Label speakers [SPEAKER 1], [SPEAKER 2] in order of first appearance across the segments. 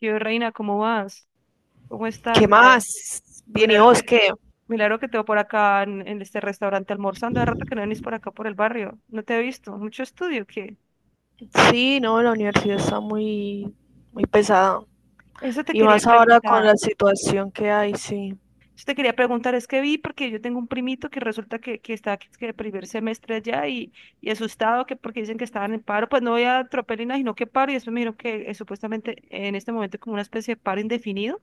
[SPEAKER 1] Yo, Reina, ¿cómo vas? ¿Cómo estás?
[SPEAKER 2] ¿Qué
[SPEAKER 1] Milagro,
[SPEAKER 2] más? Bien, ¿y
[SPEAKER 1] milagro
[SPEAKER 2] vos
[SPEAKER 1] que,
[SPEAKER 2] qué?
[SPEAKER 1] milagro que te veo por acá en este restaurante almorzando. De rato que no venís por acá por el barrio. No te he visto. Mucho estudio, ¿qué?
[SPEAKER 2] Sí, no, la universidad está muy, muy pesada.
[SPEAKER 1] Eso te
[SPEAKER 2] Y
[SPEAKER 1] quería
[SPEAKER 2] más ahora con
[SPEAKER 1] preguntar.
[SPEAKER 2] la situación que hay, sí.
[SPEAKER 1] Eso te quería preguntar. Es que vi porque yo tengo un primito que está aquí, que de primer semestre allá y asustado que porque dicen que estaban en paro. Pues no voy a tropelina, sino que paro. Y después me dijeron que supuestamente en este momento como una especie de paro indefinido.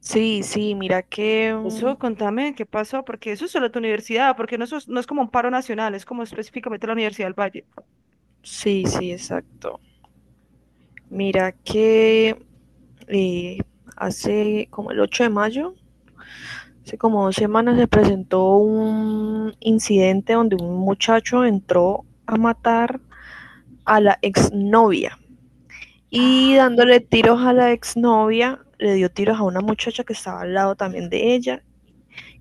[SPEAKER 2] Sí, sí, mira que. Mm.
[SPEAKER 1] Eso, contame qué pasó, porque eso es solo tu universidad, porque no, no es como un paro nacional, es como específicamente la Universidad del Valle.
[SPEAKER 2] Sí, sí, exacto. Mira que eh, hace como el 8 de mayo, hace como 2 semanas se presentó un incidente donde un muchacho entró a matar a la exnovia. Y
[SPEAKER 1] Ah,
[SPEAKER 2] dándole tiros a la exnovia, le dio tiros a una muchacha que estaba al lado también de ella,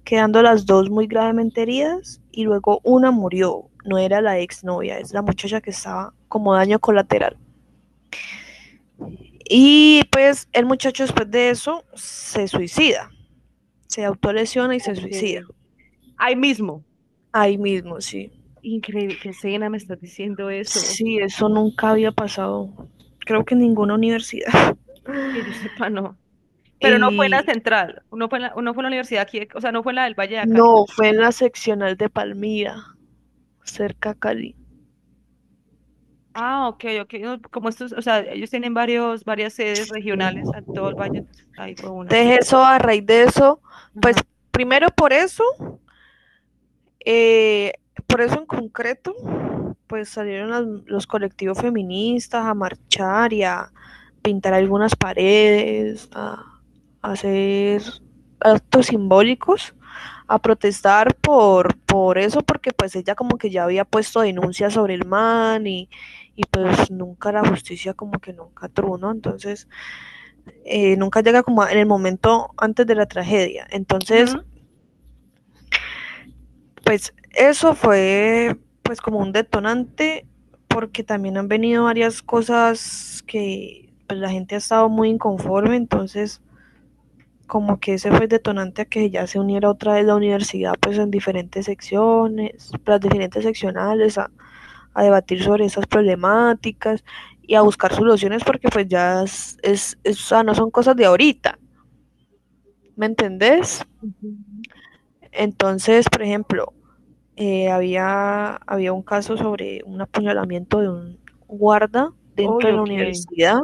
[SPEAKER 2] quedando las dos muy gravemente heridas y luego una murió. No era la exnovia, es la muchacha que estaba como daño colateral. Y pues el muchacho después de eso se suicida, se autolesiona y se
[SPEAKER 1] ok.
[SPEAKER 2] suicida.
[SPEAKER 1] Ahí mismo.
[SPEAKER 2] Ahí mismo, sí.
[SPEAKER 1] Increíble, qué cena me estás diciendo eso.
[SPEAKER 2] Sí, eso nunca había pasado, creo que en ninguna universidad.
[SPEAKER 1] Que yo sepa, no. Pero no fue en la
[SPEAKER 2] Y
[SPEAKER 1] central, no fue no fue en la universidad aquí, o sea, no fue en la del Valle de acá.
[SPEAKER 2] no, fue en la seccional de Palmira, cerca a Cali.
[SPEAKER 1] Ah, ok, ok. No, como estos, o sea, ellos tienen varios, varias sedes
[SPEAKER 2] Sí.
[SPEAKER 1] regionales en todo el Valle, entonces ahí fue una.
[SPEAKER 2] Entonces eso, a raíz de eso, pues
[SPEAKER 1] Ajá.
[SPEAKER 2] primero eh, por eso en concreto, pues salieron los colectivos feministas a marchar y a pintar algunas paredes, a hacer actos simbólicos, a protestar por eso, porque pues ella como que ya había puesto denuncias sobre el man y pues nunca la justicia como que nunca truno, entonces nunca llega como en el momento antes de la tragedia. Entonces,
[SPEAKER 1] Ujú.
[SPEAKER 2] pues eso fue pues como un detonante porque también han venido varias cosas que pues, la gente ha estado muy inconforme, entonces como que ese fue detonante a que ya se uniera otra vez la universidad pues en diferentes secciones, las diferentes seccionales a debatir sobre esas problemáticas y a buscar soluciones porque pues ya es o sea, no son cosas de ahorita, ¿me entendés?
[SPEAKER 1] Ujú.
[SPEAKER 2] Entonces, por ejemplo, había un caso sobre un apuñalamiento de un guarda dentro
[SPEAKER 1] Uy,
[SPEAKER 2] de la
[SPEAKER 1] ok.
[SPEAKER 2] universidad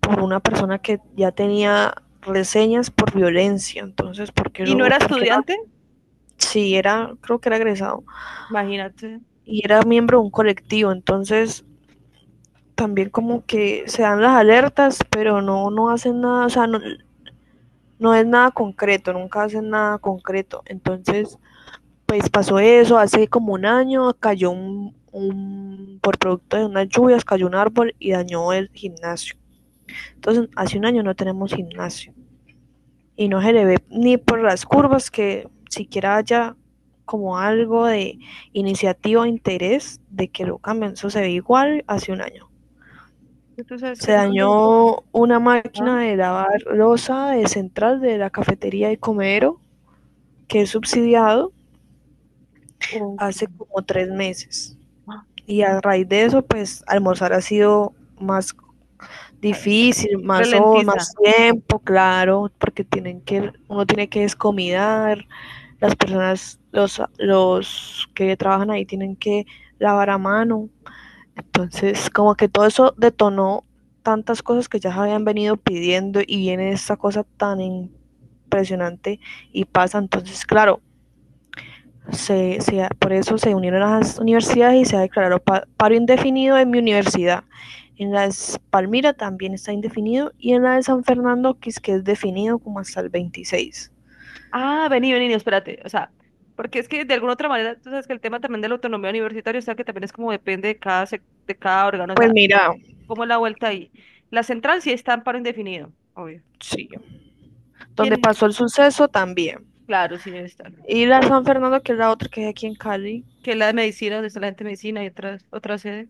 [SPEAKER 2] por una persona que ya tenía reseñas por violencia, entonces, ¿por qué
[SPEAKER 1] ¿Y no
[SPEAKER 2] no?
[SPEAKER 1] era
[SPEAKER 2] ¿Por qué no?
[SPEAKER 1] estudiante?
[SPEAKER 2] Sí, era, creo que era egresado
[SPEAKER 1] Imagínate.
[SPEAKER 2] y era miembro de un colectivo, entonces también como que se dan las alertas, pero no, no hacen nada, o sea, no, no es nada concreto, nunca hacen nada concreto, entonces pues pasó eso, hace como un año cayó por producto de unas lluvias, cayó un árbol y dañó el gimnasio. Entonces, hace un año no tenemos gimnasio y no se le ve ni por las curvas que siquiera haya como algo de iniciativa o interés de que lo cambien. Eso se ve igual hace un año.
[SPEAKER 1] Tú sabes
[SPEAKER 2] Se
[SPEAKER 1] que todo.
[SPEAKER 2] dañó una máquina de lavar losa de central de la cafetería y comedero que es subsidiado
[SPEAKER 1] Ok.
[SPEAKER 2] hace como 3 meses.
[SPEAKER 1] Ah,
[SPEAKER 2] Y a raíz de eso, pues almorzar ha sido más
[SPEAKER 1] re-
[SPEAKER 2] difícil, más, más
[SPEAKER 1] ralentiza.
[SPEAKER 2] tiempo, claro, porque uno tiene que descomidar, las personas, los que trabajan ahí tienen que lavar a mano. Entonces, como que todo eso detonó tantas cosas que ya se habían venido pidiendo y viene esta cosa tan impresionante y pasa. Entonces, claro, por eso se unieron a las universidades y se ha declarado paro indefinido en mi universidad. En la de Palmira también está indefinido y en la de San Fernando, que es definido como hasta el 26.
[SPEAKER 1] Ah, vení, vení, espérate. O sea, porque es que de alguna otra manera, tú sabes que el tema también de la autonomía universitaria, o sea, que también es como depende de cada, de cada órgano, o
[SPEAKER 2] Pues
[SPEAKER 1] sea,
[SPEAKER 2] mira,
[SPEAKER 1] ¿cómo es la vuelta ahí? La central sí está en paro indefinido, obvio.
[SPEAKER 2] sí, donde
[SPEAKER 1] ¿Quién?
[SPEAKER 2] pasó el suceso también.
[SPEAKER 1] Claro, sí debe estar.
[SPEAKER 2] Y la de San Fernando, que es la otra que es aquí en Cali,
[SPEAKER 1] Que la de medicina, donde está la gente de medicina y otras, otra sede.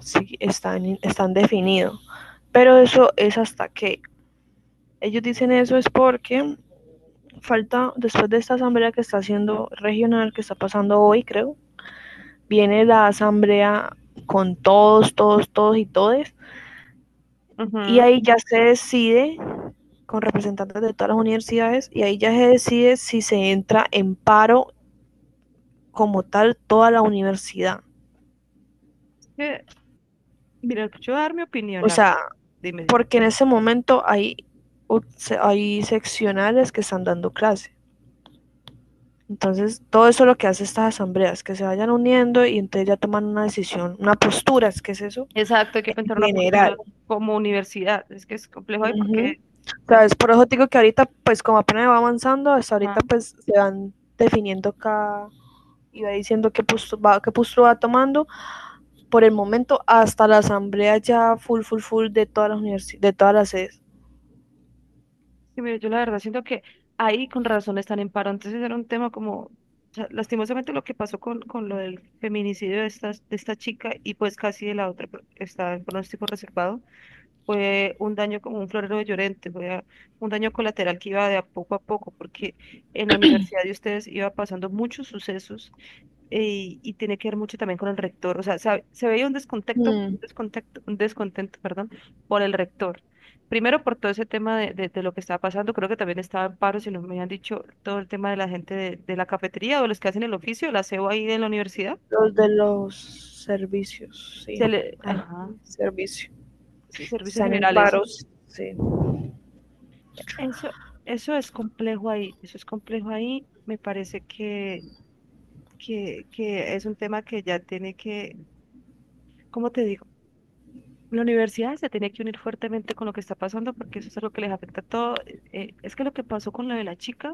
[SPEAKER 2] sí, están definidos. Pero eso es hasta que. Ellos dicen eso es porque falta, después de esta asamblea que está haciendo regional, que está pasando hoy, creo, viene la asamblea con todos, todos, todos y todes, y
[SPEAKER 1] Ujú.
[SPEAKER 2] ahí ya se decide con representantes de todas las universidades, y ahí ya se decide si se entra en paro como tal toda la universidad.
[SPEAKER 1] Que, mira, yo voy a dar mi opinión,
[SPEAKER 2] O
[SPEAKER 1] la verdad.
[SPEAKER 2] sea,
[SPEAKER 1] Dime, dime.
[SPEAKER 2] porque en ese momento hay, hay seccionales que están dando clase. Entonces, todo eso es lo que hace estas asambleas, que se vayan uniendo y entonces ya toman una decisión, una postura, es que es eso,
[SPEAKER 1] Exacto, hay que
[SPEAKER 2] en
[SPEAKER 1] pensar una
[SPEAKER 2] general.
[SPEAKER 1] postura como universidad. Es que es complejo ahí
[SPEAKER 2] Ujú.
[SPEAKER 1] porque... Ya,
[SPEAKER 2] ¿Sabes? Por eso te digo que ahorita, pues como apenas va avanzando, hasta ahorita
[SPEAKER 1] ajá.
[SPEAKER 2] pues se van definiendo cada, y va diciendo qué postura va tomando. Por el momento, hasta la asamblea ya full, full, full de todas las de todas las sedes.
[SPEAKER 1] Sí, mire, yo la verdad siento que ahí con razón están en paro. Entonces era un tema como, o sea, lastimosamente lo que pasó con lo del feminicidio de esta chica y pues casi de la otra, pero está en pronóstico reservado, fue un daño como un florero de Llorente, un daño colateral que iba de a poco, porque en la universidad de ustedes iba pasando muchos sucesos y tiene que ver mucho también con el rector. O sea, se veía un descontento,
[SPEAKER 2] Mm.
[SPEAKER 1] descontento, un descontento, perdón, por el rector. Primero por todo ese tema de lo que estaba pasando, creo que también estaba en paro, si no me han dicho todo el tema de la gente de la cafetería o los que hacen el oficio, la aseo ahí de la universidad.
[SPEAKER 2] Los de los servicios, sí.
[SPEAKER 1] Se le,
[SPEAKER 2] Ay,
[SPEAKER 1] ajá,
[SPEAKER 2] servicio.
[SPEAKER 1] sí, servicios
[SPEAKER 2] Están en
[SPEAKER 1] generales.
[SPEAKER 2] paros, sí.
[SPEAKER 1] Eso, eso es complejo ahí, eso es complejo ahí. Me parece que es un tema que ya tiene que, ¿cómo te digo? La universidad se tiene que unir fuertemente con lo que está pasando porque eso es lo que les afecta a todo. Es que lo que pasó con lo de la chica,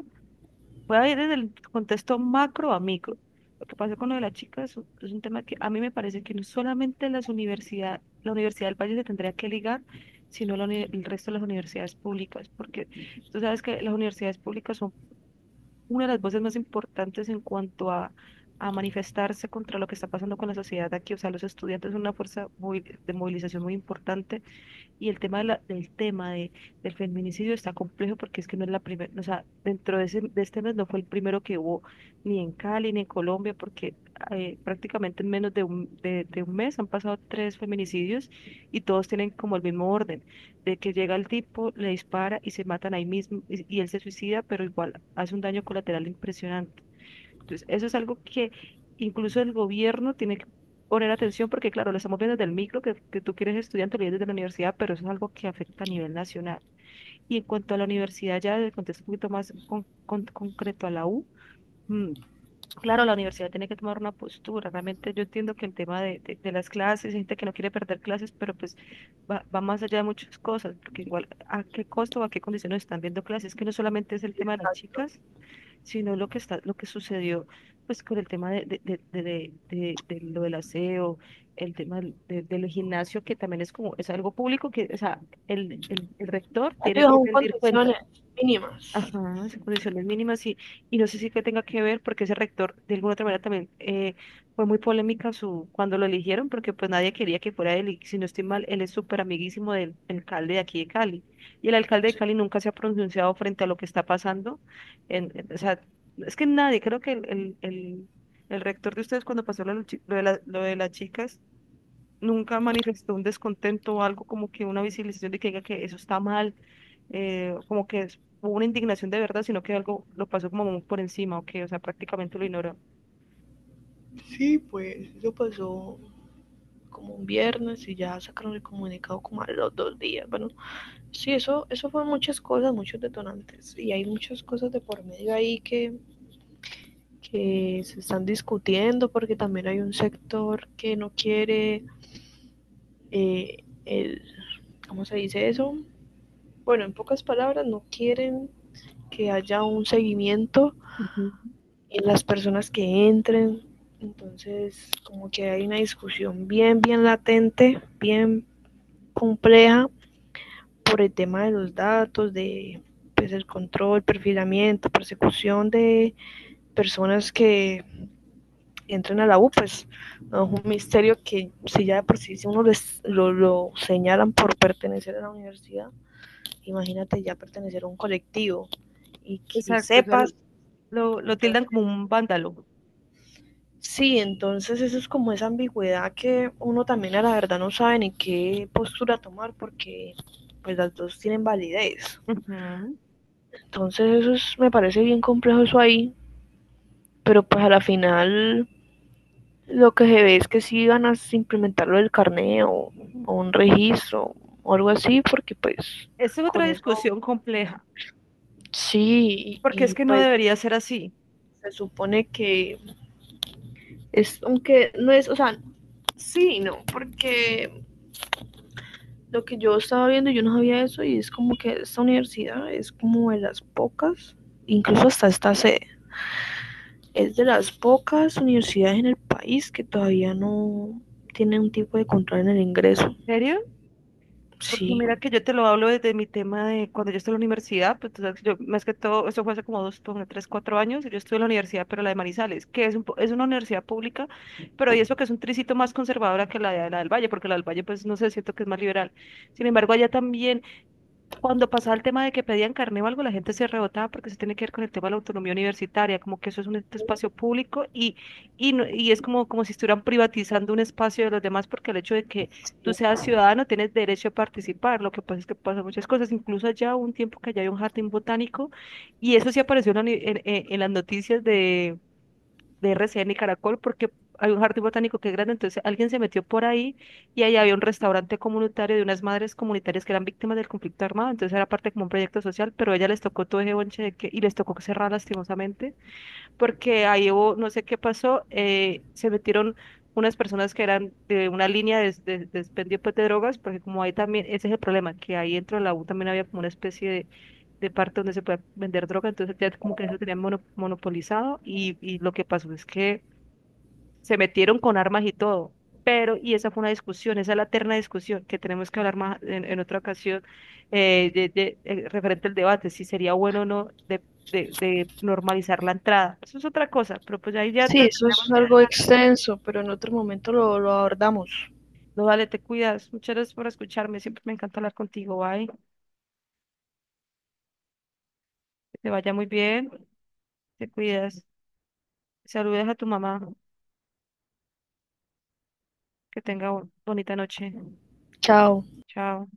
[SPEAKER 1] voy a ir desde el contexto macro a micro. Lo que pasó con lo de la chica es un tema que a mí me parece que no solamente las universidades, la Universidad del Valle se tendría que ligar, sino el resto de las universidades públicas, porque tú sabes que las universidades públicas son una de las voces más importantes en cuanto a manifestarse contra lo que está pasando con la sociedad de aquí. O sea, los estudiantes son una fuerza de movilización muy importante y el tema de del feminicidio está complejo porque es que no es la primera, o sea, dentro de, ese, de este mes no fue el primero que hubo ni en Cali ni en Colombia, porque prácticamente en menos de un mes han pasado tres feminicidios y todos tienen como el mismo orden, de que llega el tipo, le dispara y se matan ahí mismo y él se suicida, pero igual hace un daño colateral impresionante. Entonces, eso es algo que incluso el gobierno tiene que poner atención porque, claro, lo estamos viendo desde el micro, que tú quieres estudiar te lo ves desde la universidad, pero eso es algo que afecta a nivel nacional. Y en cuanto a la universidad, ya desde el contexto un poquito más concreto a la U, mm, claro, la universidad tiene que tomar una postura. Realmente yo entiendo que el tema de las clases, hay gente que no quiere perder clases, pero pues va más allá de muchas cosas, porque igual a qué costo o a qué condiciones están viendo clases, que no solamente es el tema de las
[SPEAKER 2] Exacto.
[SPEAKER 1] chicas sino lo que está, lo que sucedió pues con el tema de lo del aseo, el tema del gimnasio, que también es como, es algo público, que, o sea, el rector tiene
[SPEAKER 2] Digo,
[SPEAKER 1] que
[SPEAKER 2] son
[SPEAKER 1] rendir cuentas.
[SPEAKER 2] condiciones
[SPEAKER 1] Ajá,
[SPEAKER 2] mínimas.
[SPEAKER 1] son condiciones mínimas y no sé si que tenga que ver porque ese rector de alguna otra manera también fue muy polémica su, cuando lo eligieron porque pues nadie quería que fuera él y si no estoy mal, él es súper amiguísimo del alcalde de aquí de Cali y el alcalde de Cali nunca se ha pronunciado frente a lo que está pasando. O sea, es que nadie, creo que el rector de ustedes cuando pasó lo, de los lo de las chicas nunca manifestó un descontento o algo como que una visibilización de que diga que eso está mal como que hubo una indignación de verdad, sino que algo lo pasó como muy por encima, o que, o sea, prácticamente lo ignoró.
[SPEAKER 2] Sí, pues, eso pasó, como un viernes y ya sacaron el comunicado como a los 2 días. Bueno, sí, eso fue muchas cosas, muchos detonantes y hay muchas cosas de por medio ahí que se están discutiendo porque también hay un sector que no quiere. eh, el, ¿Cómo se dice eso? Bueno, en pocas palabras, no quieren que haya un seguimiento
[SPEAKER 1] Ujú.
[SPEAKER 2] en las personas que entren. Entonces, como que hay una discusión bien, bien latente, bien compleja por el tema de los datos, de pues, el control, perfilamiento, persecución de personas que entren a la U, pues no es un misterio que si ya de por sí si uno lo señalan por pertenecer a la universidad, imagínate ya pertenecer a un colectivo y que
[SPEAKER 1] Exacto, ya lo,
[SPEAKER 2] sepas.
[SPEAKER 1] lo tildan
[SPEAKER 2] Entonces,
[SPEAKER 1] como un vándalo.
[SPEAKER 2] sí, entonces eso es como esa ambigüedad que uno también a la verdad no sabe ni qué postura tomar porque pues las dos tienen validez.
[SPEAKER 1] Ujú.
[SPEAKER 2] Entonces eso es- me parece bien complejo eso ahí, pero pues a la final lo que se ve es que sí van a implementar lo del carneo o un registro o algo así, porque pues
[SPEAKER 1] Esa es otra
[SPEAKER 2] con eso
[SPEAKER 1] discusión compleja,
[SPEAKER 2] sí,
[SPEAKER 1] porque es que no
[SPEAKER 2] pues
[SPEAKER 1] debería ser así.
[SPEAKER 2] se supone que es, aunque no es, o sea, sí, no, porque lo que yo estaba viendo yo no sabía eso y es como que esta universidad es como de las pocas, incluso hasta esta sede. Es de las pocas universidades en el país que todavía no tiene un tipo de control en el ingreso.
[SPEAKER 1] ¿En serio? Porque
[SPEAKER 2] Sí.
[SPEAKER 1] mira que yo te lo hablo desde mi tema de cuando yo estuve en la universidad, pues tú sabes que yo más que todo, eso fue hace como dos, ponle, tres, cuatro años, y yo estuve en la universidad, pero la de Manizales, que es, es una universidad pública, pero y eso que es un tricito más conservadora que la de la del Valle, porque la del Valle pues no sé, siento que es más liberal. Sin embargo, allá también cuando pasaba el tema de que pedían carné o algo, la gente se rebotaba porque se tiene que ver con el tema de la autonomía universitaria, como que eso es un este espacio público y, y es como, como si estuvieran privatizando un espacio de los demás porque el hecho de que tú seas ciudadano tienes derecho a participar. Lo que pasa es que pasan muchas cosas, incluso allá hubo un tiempo que allá hay un jardín botánico y eso sí apareció en, la ni- en las noticias de RCN y Caracol porque hay un jardín botánico que es grande, entonces alguien se metió por ahí y ahí había un restaurante comunitario de unas madres comunitarias que eran víctimas del conflicto armado, entonces era parte como un proyecto social, pero a ella les tocó todo ese bonche de que, y les tocó cerrar lastimosamente porque ahí hubo, no sé qué pasó, se metieron unas personas que eran de una línea de expendio, pues, de drogas, porque como ahí también, ese es el problema, que ahí dentro de la U también había como una especie de parte donde se puede vender droga, entonces ya como que eso tenían monopolizado y lo que pasó es que se metieron con armas y todo. Pero, y esa fue una discusión, esa es la eterna discusión que tenemos que hablar más en otra ocasión referente al debate, si sería bueno o no de normalizar la entrada. Eso es otra cosa, pero pues ahí ya
[SPEAKER 2] Sí,
[SPEAKER 1] la
[SPEAKER 2] eso es
[SPEAKER 1] tenemos que
[SPEAKER 2] algo
[SPEAKER 1] dejar.
[SPEAKER 2] extenso, pero en otro momento lo abordamos.
[SPEAKER 1] No, vale, te cuidas. Muchas gracias por escucharme. Siempre me encanta hablar contigo. Bye. Que te vaya muy bien. Te cuidas. Saludes a tu mamá. Que tenga bonita noche.
[SPEAKER 2] Chao.
[SPEAKER 1] Chao.